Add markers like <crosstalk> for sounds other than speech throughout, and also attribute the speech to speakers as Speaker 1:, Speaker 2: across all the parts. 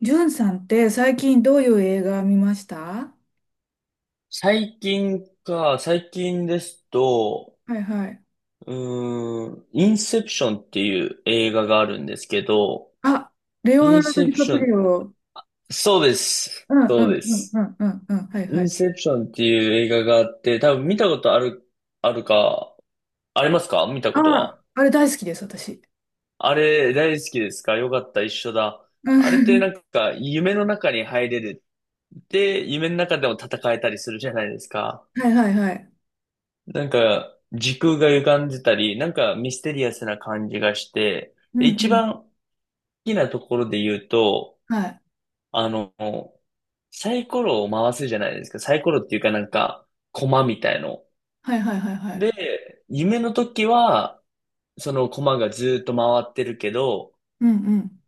Speaker 1: ジュンさんって最近どういう映画見ました？は
Speaker 2: 最近か、最近ですと、
Speaker 1: いはい。
Speaker 2: インセプションっていう映画があるんですけど、
Speaker 1: あ、レオ
Speaker 2: イ
Speaker 1: ナ
Speaker 2: ン
Speaker 1: ルド・
Speaker 2: セ
Speaker 1: ディ
Speaker 2: プ
Speaker 1: カ
Speaker 2: シ
Speaker 1: プ
Speaker 2: ョ
Speaker 1: リ
Speaker 2: ン、
Speaker 1: オ。
Speaker 2: そうです。
Speaker 1: うんう
Speaker 2: そう
Speaker 1: ん
Speaker 2: で
Speaker 1: うんう
Speaker 2: す。
Speaker 1: んうんうん。はい
Speaker 2: イ
Speaker 1: は
Speaker 2: ン
Speaker 1: い。
Speaker 2: セプションっていう映画があって、多分見たことある、あるか、ありますか見たこと
Speaker 1: あ、
Speaker 2: は。
Speaker 1: あれ大好きです、私。
Speaker 2: あれ、大好きですか？よかった、一緒だ。
Speaker 1: <laughs> う
Speaker 2: あれってな
Speaker 1: ん
Speaker 2: んか、夢の中に入れる。で、夢の中でも戦えたりするじゃないですか。
Speaker 1: はいはいはい。
Speaker 2: なんか、時空が歪んでたり、なんかミステリアスな感じがして、
Speaker 1: うん
Speaker 2: で、一
Speaker 1: うん。
Speaker 2: 番好きなところで言うと、
Speaker 1: はい。
Speaker 2: あの、サイコロを回すじゃないですか。サイコロっていうかなんか、コマみたいの。
Speaker 1: はいはいはいはい。
Speaker 2: で、夢の時は、そのコマがずっと回ってるけど、
Speaker 1: うんうん。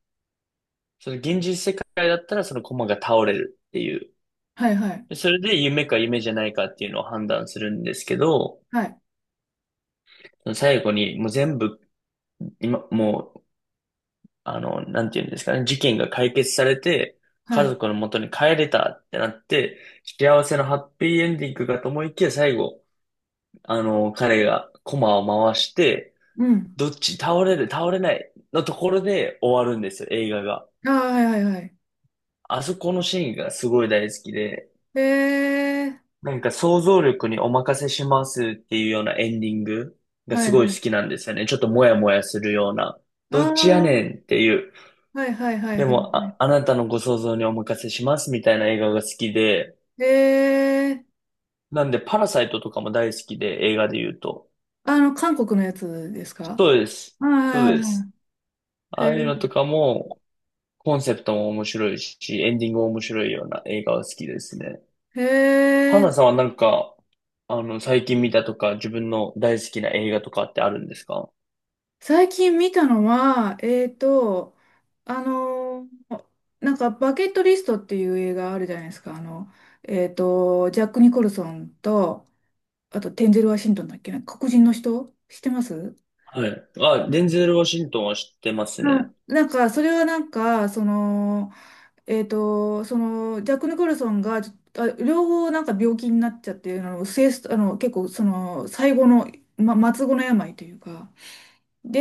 Speaker 2: その現実世界だったらそのコマが倒れるっていう。
Speaker 1: はいはい。
Speaker 2: でそれで夢か夢じゃないかっていうのを判断するんですけど、
Speaker 1: はい。
Speaker 2: 最後にもう全部、今、もうなんていうんですかね、事件が解決されて、
Speaker 1: は
Speaker 2: 家
Speaker 1: い。
Speaker 2: 族の元に帰れたってなって、幸せのハッピーエンディングかと思いきや、最後、彼がコマを回して、
Speaker 1: うん。
Speaker 2: どっち倒れる、倒れないのところで終わるんですよ、映画が。
Speaker 1: ああ、はいはいはい。
Speaker 2: あそこのシーンがすごい大好きで、
Speaker 1: へえ。
Speaker 2: なんか想像力にお任せしますっていうようなエンディングが
Speaker 1: は
Speaker 2: す
Speaker 1: い
Speaker 2: ごい
Speaker 1: は
Speaker 2: 好
Speaker 1: い。
Speaker 2: きなんですよね。ちょっともやもやするような。
Speaker 1: あ
Speaker 2: どっちやねん
Speaker 1: あ、
Speaker 2: っていう。
Speaker 1: はいはいはい
Speaker 2: で
Speaker 1: は
Speaker 2: も、あ、あなたのご想像にお任せしますみたいな映画が好きで、
Speaker 1: い。へえ。
Speaker 2: なんでパラサイトとかも大好きで、映画で言うと。
Speaker 1: あの、韓国のやつですか？
Speaker 2: そうです。
Speaker 1: はい
Speaker 2: そう
Speaker 1: はい
Speaker 2: で
Speaker 1: はい。
Speaker 2: す。ああいうの
Speaker 1: へ
Speaker 2: とかも、コンセプトも面白いし、エンディングも面白いような映画が好きですね。
Speaker 1: え。
Speaker 2: 花
Speaker 1: へ
Speaker 2: さんはなんか、最近見たとか、自分の大好きな映画とかってあるんですか？
Speaker 1: 最近見たのは、あのーなんか、バケットリストっていう映画あるじゃないですか。ジャック・ニコルソンと、あと、テンゼル・ワシントンだっけな、黒人の人知ってます？
Speaker 2: はい。あ、デンゼル・ワシントンは知ってます
Speaker 1: う
Speaker 2: ね。
Speaker 1: んなんか、それはなんか、ジャック・ニコルソンが、あ両方なんか病気になっちゃって、末す結構、その、最後の、末後の病というか、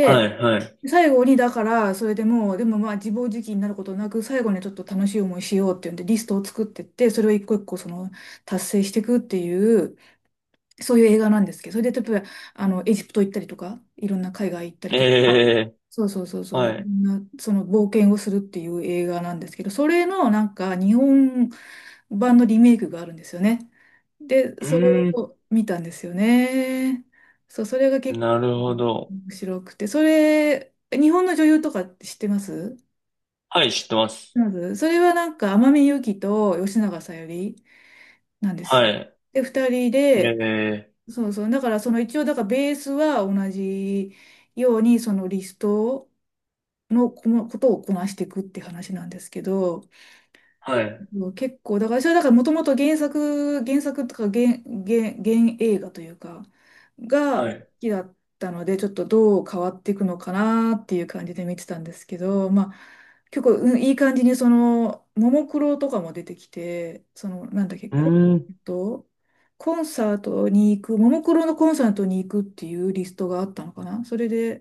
Speaker 2: はい、はい。
Speaker 1: 最後にだから、それでもう、でもまあ自暴自棄になることなく、最後にちょっと楽しい思いしようっていうんで、リストを作ってって、それを一個一個その達成していくっていう、そういう映画なんですけど、それで例えば、エジプト行ったりとか、いろんな海外行ったりとか、
Speaker 2: ええ、
Speaker 1: そうそうそうそう、
Speaker 2: は
Speaker 1: いろ
Speaker 2: い。
Speaker 1: んなその冒険をするっていう映画なんですけど、それのなんか日本版のリメイクがあるんですよね。で、
Speaker 2: う
Speaker 1: それ
Speaker 2: ーん、
Speaker 1: を見たんですよね。そう、それが結構
Speaker 2: なるほど。
Speaker 1: 面白くて、それ、日本の女優とかって知ってます？
Speaker 2: はい、知ってます。
Speaker 1: まず、それはなんか天海祐希と吉永小百合なんです
Speaker 2: は
Speaker 1: よ。
Speaker 2: い。
Speaker 1: で、二人
Speaker 2: え
Speaker 1: で、
Speaker 2: え、
Speaker 1: そうそう、だからその一応、だからベースは同じように、そのリストのこのことをこなしていくって話なんですけど、
Speaker 2: はい、
Speaker 1: そう結構、だから、それだからもともと原作、原作とか原映画というか、が
Speaker 2: は
Speaker 1: 好
Speaker 2: い、
Speaker 1: きだったので、ちょっとどう変わっていくのかなっていう感じで見てたんですけど、まあ、結構、うんいい感じに、その、ももクロとかも出てきて、その、なんだっけ、
Speaker 2: うーん、
Speaker 1: ント、コンサートに行く、ももクロのコンサートに行くっていうリストがあったのかな？それで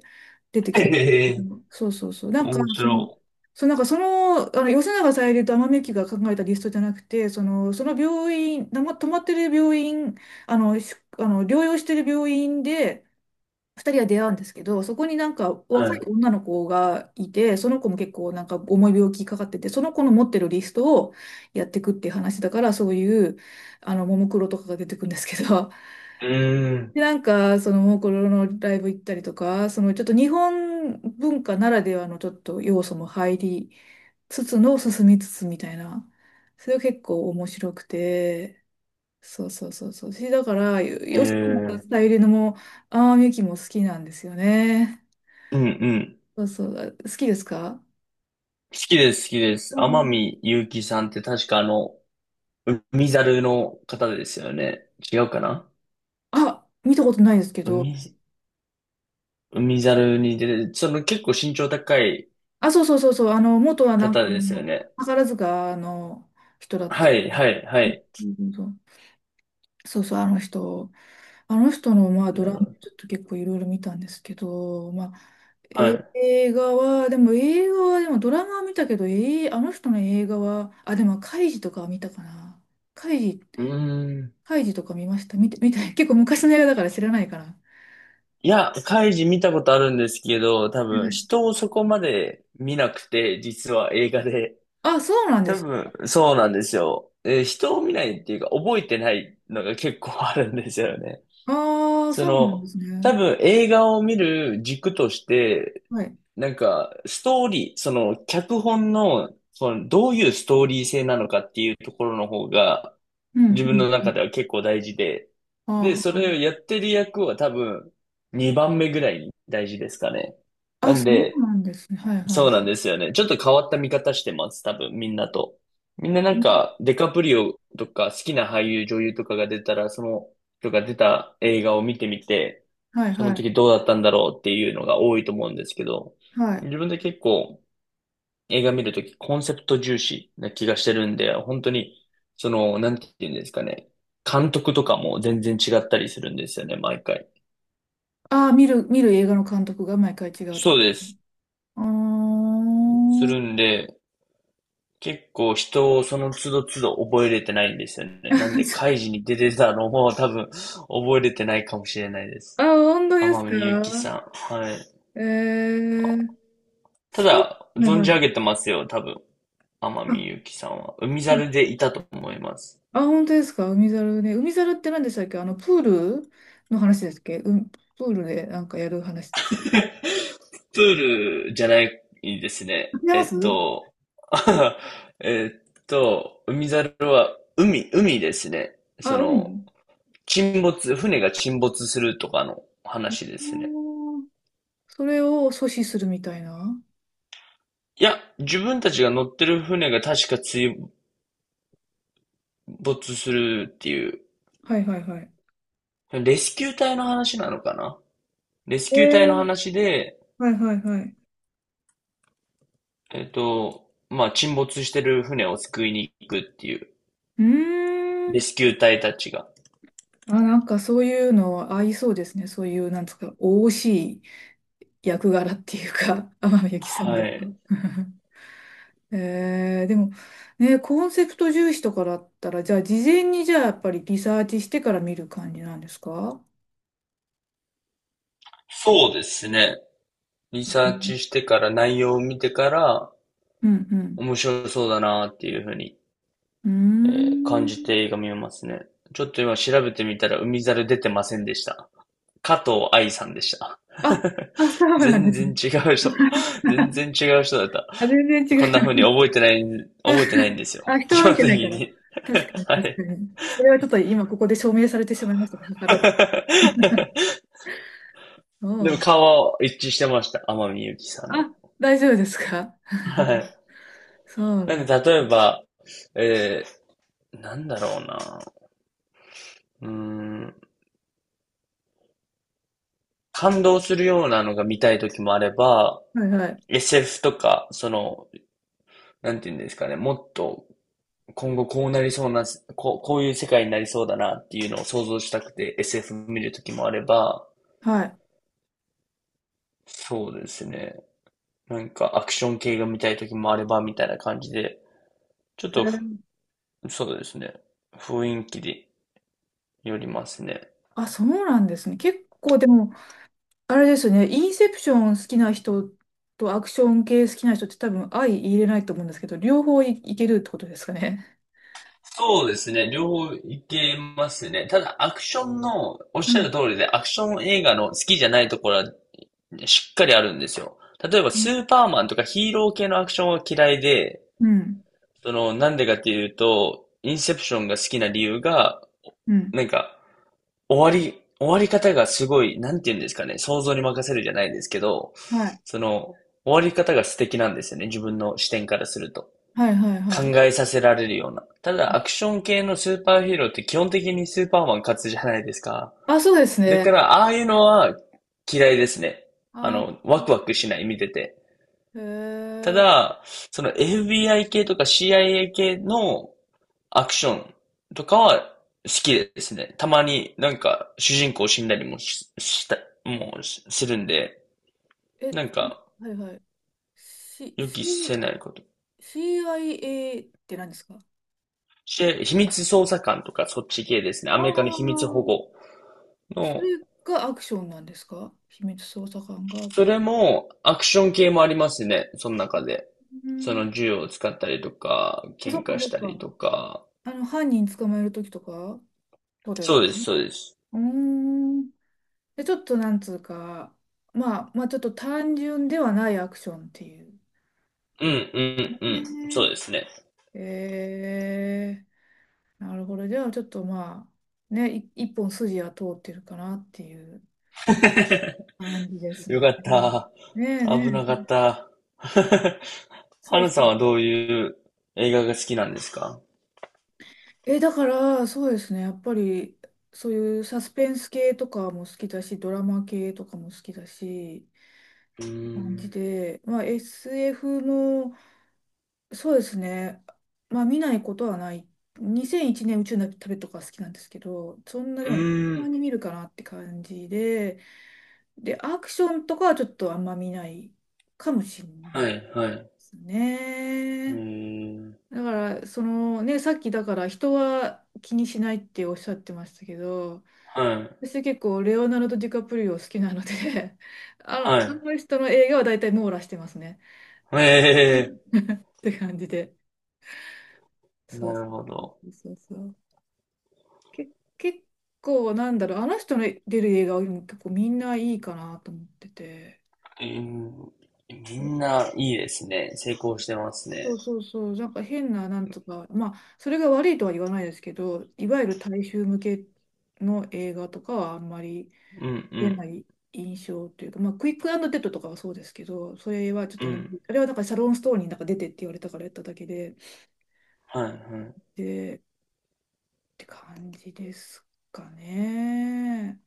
Speaker 1: 出て
Speaker 2: <laughs>
Speaker 1: きたんだ
Speaker 2: え
Speaker 1: け
Speaker 2: え、
Speaker 1: ど。そうそうそう。
Speaker 2: 面白、
Speaker 1: あの吉永小百合と天海祐希が考えたリストじゃなくて、その、その病院、泊まってる病院、あの、しあの療養してる病院で、二人は出会うんですけど、そこになんか若い
Speaker 2: は
Speaker 1: 女の子がいて、その子も結構なんか重い病気かかってて、その子の持ってるリストをやっていくっていう話だから、そういう、ももクロとかが出てくるんですけど、<laughs>
Speaker 2: い。い。うーん、
Speaker 1: で、なんか、その、ももクロのライブ行ったりとか、その、ちょっと日本文化ならではのちょっと要素も入り、つつの進みつつみたいな。それが結構面白くて、そうそうそうそう。だから、
Speaker 2: え
Speaker 1: 吉野
Speaker 2: え、
Speaker 1: さんゆりのも、ああ、みゆきも好きなんですよね。
Speaker 2: うんうん。
Speaker 1: そうそう。好きですか？
Speaker 2: 好きです、好きです。
Speaker 1: う
Speaker 2: 天
Speaker 1: ん
Speaker 2: 海祐希さんって確かあの、海猿の方ですよね。違うかな。
Speaker 1: あ、見たことないですけど。
Speaker 2: 海、海猿に出てその結構身長高い
Speaker 1: あ、そうそうそうそう。元はなんか
Speaker 2: 方ですよね。
Speaker 1: 宝塚の人だった。
Speaker 2: はい、はい、はい。
Speaker 1: うんうんそうそうそう、あの人。あの人の、まあ、ド
Speaker 2: な
Speaker 1: ラマ
Speaker 2: るほど。
Speaker 1: ちょっと結構いろいろ見たんですけど、まあ、
Speaker 2: はい。
Speaker 1: 映画は、でも映画は、でもドラマは見たけど、あの人の映画は、あ、でも、カイジとかは見たかな。カイジ、
Speaker 2: うーん。
Speaker 1: カイジとか見ました。見て、結構昔の映画だから知らないかな。
Speaker 2: いや、カイジ見たことあるんですけど、多
Speaker 1: う
Speaker 2: 分
Speaker 1: ん
Speaker 2: 人をそこまで見なくて、実は映画で。
Speaker 1: あ、そうなんで
Speaker 2: 多
Speaker 1: す
Speaker 2: 分、
Speaker 1: か。
Speaker 2: そうなんですよ。えー、人を見ないっていうか、覚えてないのが結構あるんですよね。
Speaker 1: ああ、
Speaker 2: そ
Speaker 1: そうなんで
Speaker 2: の、
Speaker 1: すね。
Speaker 2: 多分映画を見る軸として、
Speaker 1: はい。
Speaker 2: なんか、ストーリー、その、脚本の、その、どういうストーリー性なのかっていうところの方が、
Speaker 1: うん、
Speaker 2: 自分の
Speaker 1: うん。
Speaker 2: 中では結構大事で、で、それを
Speaker 1: あ
Speaker 2: やってる役は多分、2番目ぐらいに大事ですかね。
Speaker 1: あ、
Speaker 2: な
Speaker 1: あ、
Speaker 2: ん
Speaker 1: そう
Speaker 2: で、
Speaker 1: なんですね。はいは
Speaker 2: そう
Speaker 1: い。
Speaker 2: なんですよね。ちょっと変わった見方してます。多分、みんなと。みんなな
Speaker 1: う
Speaker 2: ん
Speaker 1: ん
Speaker 2: か、デカプリオとか、好きな俳優、女優とかが出たら、その、とか出た映画を見てみて、
Speaker 1: はい
Speaker 2: そ
Speaker 1: は
Speaker 2: の
Speaker 1: い。
Speaker 2: 時どうだったんだろうっていうのが多いと思うんですけど、
Speaker 1: はい。
Speaker 2: 自分で結構、映画見るとき、コンセプト重視な気がしてるんで、本当に、その、なんて言うんですかね。監督とかも全然違ったりするんですよね、毎回。
Speaker 1: ああ、見る映画の監督が毎回違うと
Speaker 2: そ
Speaker 1: か。
Speaker 2: うです。
Speaker 1: あ
Speaker 2: するん
Speaker 1: あ。
Speaker 2: で、結構人をその都度都度覚えれてないんですよね。なんで、開
Speaker 1: <laughs>
Speaker 2: 示に出てたのも多分覚えれてないかもしれないで
Speaker 1: あ、
Speaker 2: す。
Speaker 1: 本当で
Speaker 2: 天
Speaker 1: す
Speaker 2: 海祐希
Speaker 1: か？
Speaker 2: さん。はい。
Speaker 1: ええー、
Speaker 2: た
Speaker 1: そう、
Speaker 2: だ、
Speaker 1: はい
Speaker 2: 存じ
Speaker 1: は
Speaker 2: 上
Speaker 1: い。
Speaker 2: げてますよ、多分。天
Speaker 1: あ、
Speaker 2: 海祐希さんは。海
Speaker 1: うん
Speaker 2: 猿でいたと思います。
Speaker 1: あ本当ですか？海猿ね。海猿って何でしたっけ？あの、プールの話ですっけ？うん、プールでなんかやる話。
Speaker 2: <laughs> プールじゃないですね。
Speaker 1: 違いま
Speaker 2: えっ
Speaker 1: す？
Speaker 2: と、<laughs> えっと、海猿は海、海ですね。そ
Speaker 1: あ、
Speaker 2: の、
Speaker 1: 海。
Speaker 2: 沈没、船が沈没するとかの話ですね。
Speaker 1: おーそれを阻止するみたいな。
Speaker 2: いや、自分たちが乗ってる船が確か追没するっていう、
Speaker 1: はいはいはい。
Speaker 2: レスキュー隊の話なのかな。レス
Speaker 1: え
Speaker 2: キュー隊の
Speaker 1: ー、
Speaker 2: 話で、
Speaker 1: はいはいはい。
Speaker 2: えっと、まあ、沈没してる船を救いに行くっていう、
Speaker 1: うーん。
Speaker 2: レスキュー隊たちが。
Speaker 1: あ、なんかそういうの合いそうですね。そういう、なんですか、おおしい役柄っていうか、天海祐希さんだ
Speaker 2: は
Speaker 1: と。
Speaker 2: い。
Speaker 1: <laughs> えー、でも、ね、コンセプト重視とかだったら、じゃあ、事前にじゃあ、やっぱりリサーチしてから見る感じなんですか？
Speaker 2: そうですね。リ
Speaker 1: う
Speaker 2: サー
Speaker 1: ん
Speaker 2: チしてから内容を見てから、
Speaker 1: うん。うん
Speaker 2: 面白そうだなっていうふうに、
Speaker 1: うー
Speaker 2: えー、感じ
Speaker 1: ん。
Speaker 2: て映画見ますね。ちょっと今調べてみたら海猿出てませんでした。加藤愛さんでした。
Speaker 1: あ、あ、そ
Speaker 2: <laughs>
Speaker 1: うなんで
Speaker 2: 全
Speaker 1: す
Speaker 2: 然
Speaker 1: ね。
Speaker 2: 違う人。全
Speaker 1: <laughs>
Speaker 2: 然違う人だった。
Speaker 1: あ、全然違
Speaker 2: こんな
Speaker 1: う。
Speaker 2: 風に覚えてない、覚えてないんですよ。
Speaker 1: あ、人
Speaker 2: 基
Speaker 1: は見
Speaker 2: 本
Speaker 1: て
Speaker 2: 的
Speaker 1: ないから。
Speaker 2: に。
Speaker 1: 確かに、
Speaker 2: <laughs> は
Speaker 1: 確か
Speaker 2: い。
Speaker 1: に。それはちょっと今ここで証明されてしまいましたね。図らず。そう
Speaker 2: <laughs> でも
Speaker 1: な
Speaker 2: 顔
Speaker 1: ん
Speaker 2: は一致してました。天海祐希さん
Speaker 1: あ、
Speaker 2: の。
Speaker 1: 大丈夫ですか？
Speaker 2: はい。
Speaker 1: <laughs> そう
Speaker 2: な
Speaker 1: な
Speaker 2: ん
Speaker 1: ん。
Speaker 2: で、例えば、えなんだろうな。うーん。感動するようなのが見たい時もあれば、
Speaker 1: はいはい。
Speaker 2: SF とか、その、なんていうんですかね、もっと今後こうなりそうな、こう、こういう世界になりそうだなっていうのを想像したくて SF 見るときもあれば、
Speaker 1: はい。
Speaker 2: そうですね。なんかアクション系が見たいときもあればみたいな感じで、ちょっ
Speaker 1: へ
Speaker 2: とふ、
Speaker 1: ー
Speaker 2: そうですね。雰囲気でよりますね。
Speaker 1: あ、そうなんですね。結構でも、あれですね、インセプション好きな人とアクション系好きな人って多分相入れないと思うんですけど、両方いけるってことですかね。
Speaker 2: そうですね。両方いけますね。ただ、アクションの、おっ
Speaker 1: は
Speaker 2: しゃる
Speaker 1: い。
Speaker 2: 通りで、アクション映画の好きじゃないところはねしっかりあるんですよ。例えば、
Speaker 1: う
Speaker 2: ス
Speaker 1: ん。
Speaker 2: ーパーマンとかヒーロー系のアクションは嫌いで、
Speaker 1: うん。
Speaker 2: その、なんでかっていうと、インセプションが好きな理由が、なんか、終わり、終わり方がすごい、なんて言うんですかね、想像に任せるじゃないですけど、その、終わり方が素敵なんですよね、自分の視点からすると。
Speaker 1: はいはいは
Speaker 2: 考
Speaker 1: いはい。
Speaker 2: えさせられるような。ただ、アクション系のスーパーヒーローって基本的にスーパーマン勝つじゃないですか。
Speaker 1: あ、そうです
Speaker 2: だか
Speaker 1: ね。
Speaker 2: ら、ああいうのは嫌いですね。
Speaker 1: あ、
Speaker 2: ワクワクしない、見てて。
Speaker 1: へ
Speaker 2: た
Speaker 1: え。
Speaker 2: だ、その FBI 系とか CIA 系のアクションとかは好きですね。たまになんか主人公死んだりもし、した、もうしするんで、
Speaker 1: え、
Speaker 2: なん
Speaker 1: ちょ
Speaker 2: か
Speaker 1: はいはい。C、
Speaker 2: 予期せ
Speaker 1: C、
Speaker 2: ないこと。
Speaker 1: CIA って何ですか？
Speaker 2: し、秘密捜査官とかそっち系ですね。ア
Speaker 1: ああ
Speaker 2: メリカの秘密保
Speaker 1: ー、
Speaker 2: 護
Speaker 1: それ
Speaker 2: の、
Speaker 1: がアクションなんですか？秘密捜査官が。
Speaker 2: それもアクション系もありますね。その中で。
Speaker 1: う
Speaker 2: そ
Speaker 1: ん。
Speaker 2: の銃を使ったりとか、
Speaker 1: あそ
Speaker 2: 喧
Speaker 1: っか
Speaker 2: 嘩
Speaker 1: そ
Speaker 2: し
Speaker 1: っ
Speaker 2: たり
Speaker 1: か。
Speaker 2: とか。
Speaker 1: 犯人捕まえるときとか、ってことです
Speaker 2: そ
Speaker 1: か
Speaker 2: うです、
Speaker 1: ね。
Speaker 2: そうです。
Speaker 1: うーん。で、ちょっとなんつうか、まあ、ちょっと単純ではないアクションっていう。
Speaker 2: うん、うん、うん。そう
Speaker 1: ね
Speaker 2: ですね。
Speaker 1: えー、なるほど。じゃあちょっとまあ、ね、一本筋は通ってるかなっていう
Speaker 2: <laughs>
Speaker 1: 感じです
Speaker 2: よ
Speaker 1: ね。
Speaker 2: かった。
Speaker 1: ねえね
Speaker 2: 危なかっ
Speaker 1: え、
Speaker 2: た。<laughs>
Speaker 1: そ
Speaker 2: ハ
Speaker 1: う
Speaker 2: ル
Speaker 1: そ
Speaker 2: さん
Speaker 1: う。
Speaker 2: はどういう映画が好きなんですか？
Speaker 1: だから、そうですね。やっぱり、そういうサスペンス系とかも好きだし、ドラマ系とかも好きだし、
Speaker 2: うー
Speaker 1: 感じ
Speaker 2: ん。
Speaker 1: で、まあ、SF のそうですね。まあ見ないことはない。2001年宇宙の旅とか好きなんですけど、そんなで
Speaker 2: う
Speaker 1: も、た
Speaker 2: ー
Speaker 1: ま
Speaker 2: ん。
Speaker 1: に見るかなって感じで、で、アクションとかはちょっとあんま見ないかもしれないで
Speaker 2: はい、はい。
Speaker 1: す
Speaker 2: え
Speaker 1: ね。
Speaker 2: ー、
Speaker 1: だから、そのね、さっきだから人は気にしないっておっしゃってましたけど、
Speaker 2: はい、
Speaker 1: 私結構レオナルド・ディカプリオ好きなので <laughs>
Speaker 2: は
Speaker 1: あの人の映画は大体網羅してますね。
Speaker 2: い。
Speaker 1: う
Speaker 2: え
Speaker 1: んって感じで。
Speaker 2: ー、
Speaker 1: そ
Speaker 2: な
Speaker 1: うそ
Speaker 2: るほど。
Speaker 1: うそうそう。け、結構なんだろう、あの人の出る映画は結構みんないいかなと思ってて。
Speaker 2: えー、みんないいですね。成功してます
Speaker 1: そ
Speaker 2: ね。
Speaker 1: うそうそう、なんか変ななんとか、まあ、それが悪いとは言わないですけど、いわゆる大衆向けの映画とかはあんまり
Speaker 2: うん、う
Speaker 1: 出
Speaker 2: ん、
Speaker 1: ない印象というか、まあ、クイックデッドとかはそうですけど、それはちょっ
Speaker 2: う
Speaker 1: との、
Speaker 2: ん。
Speaker 1: あれはなんかシャロン・ストーンになんか出てって言われたからやっただけで、
Speaker 2: はい、はい。
Speaker 1: で、って感じですかね。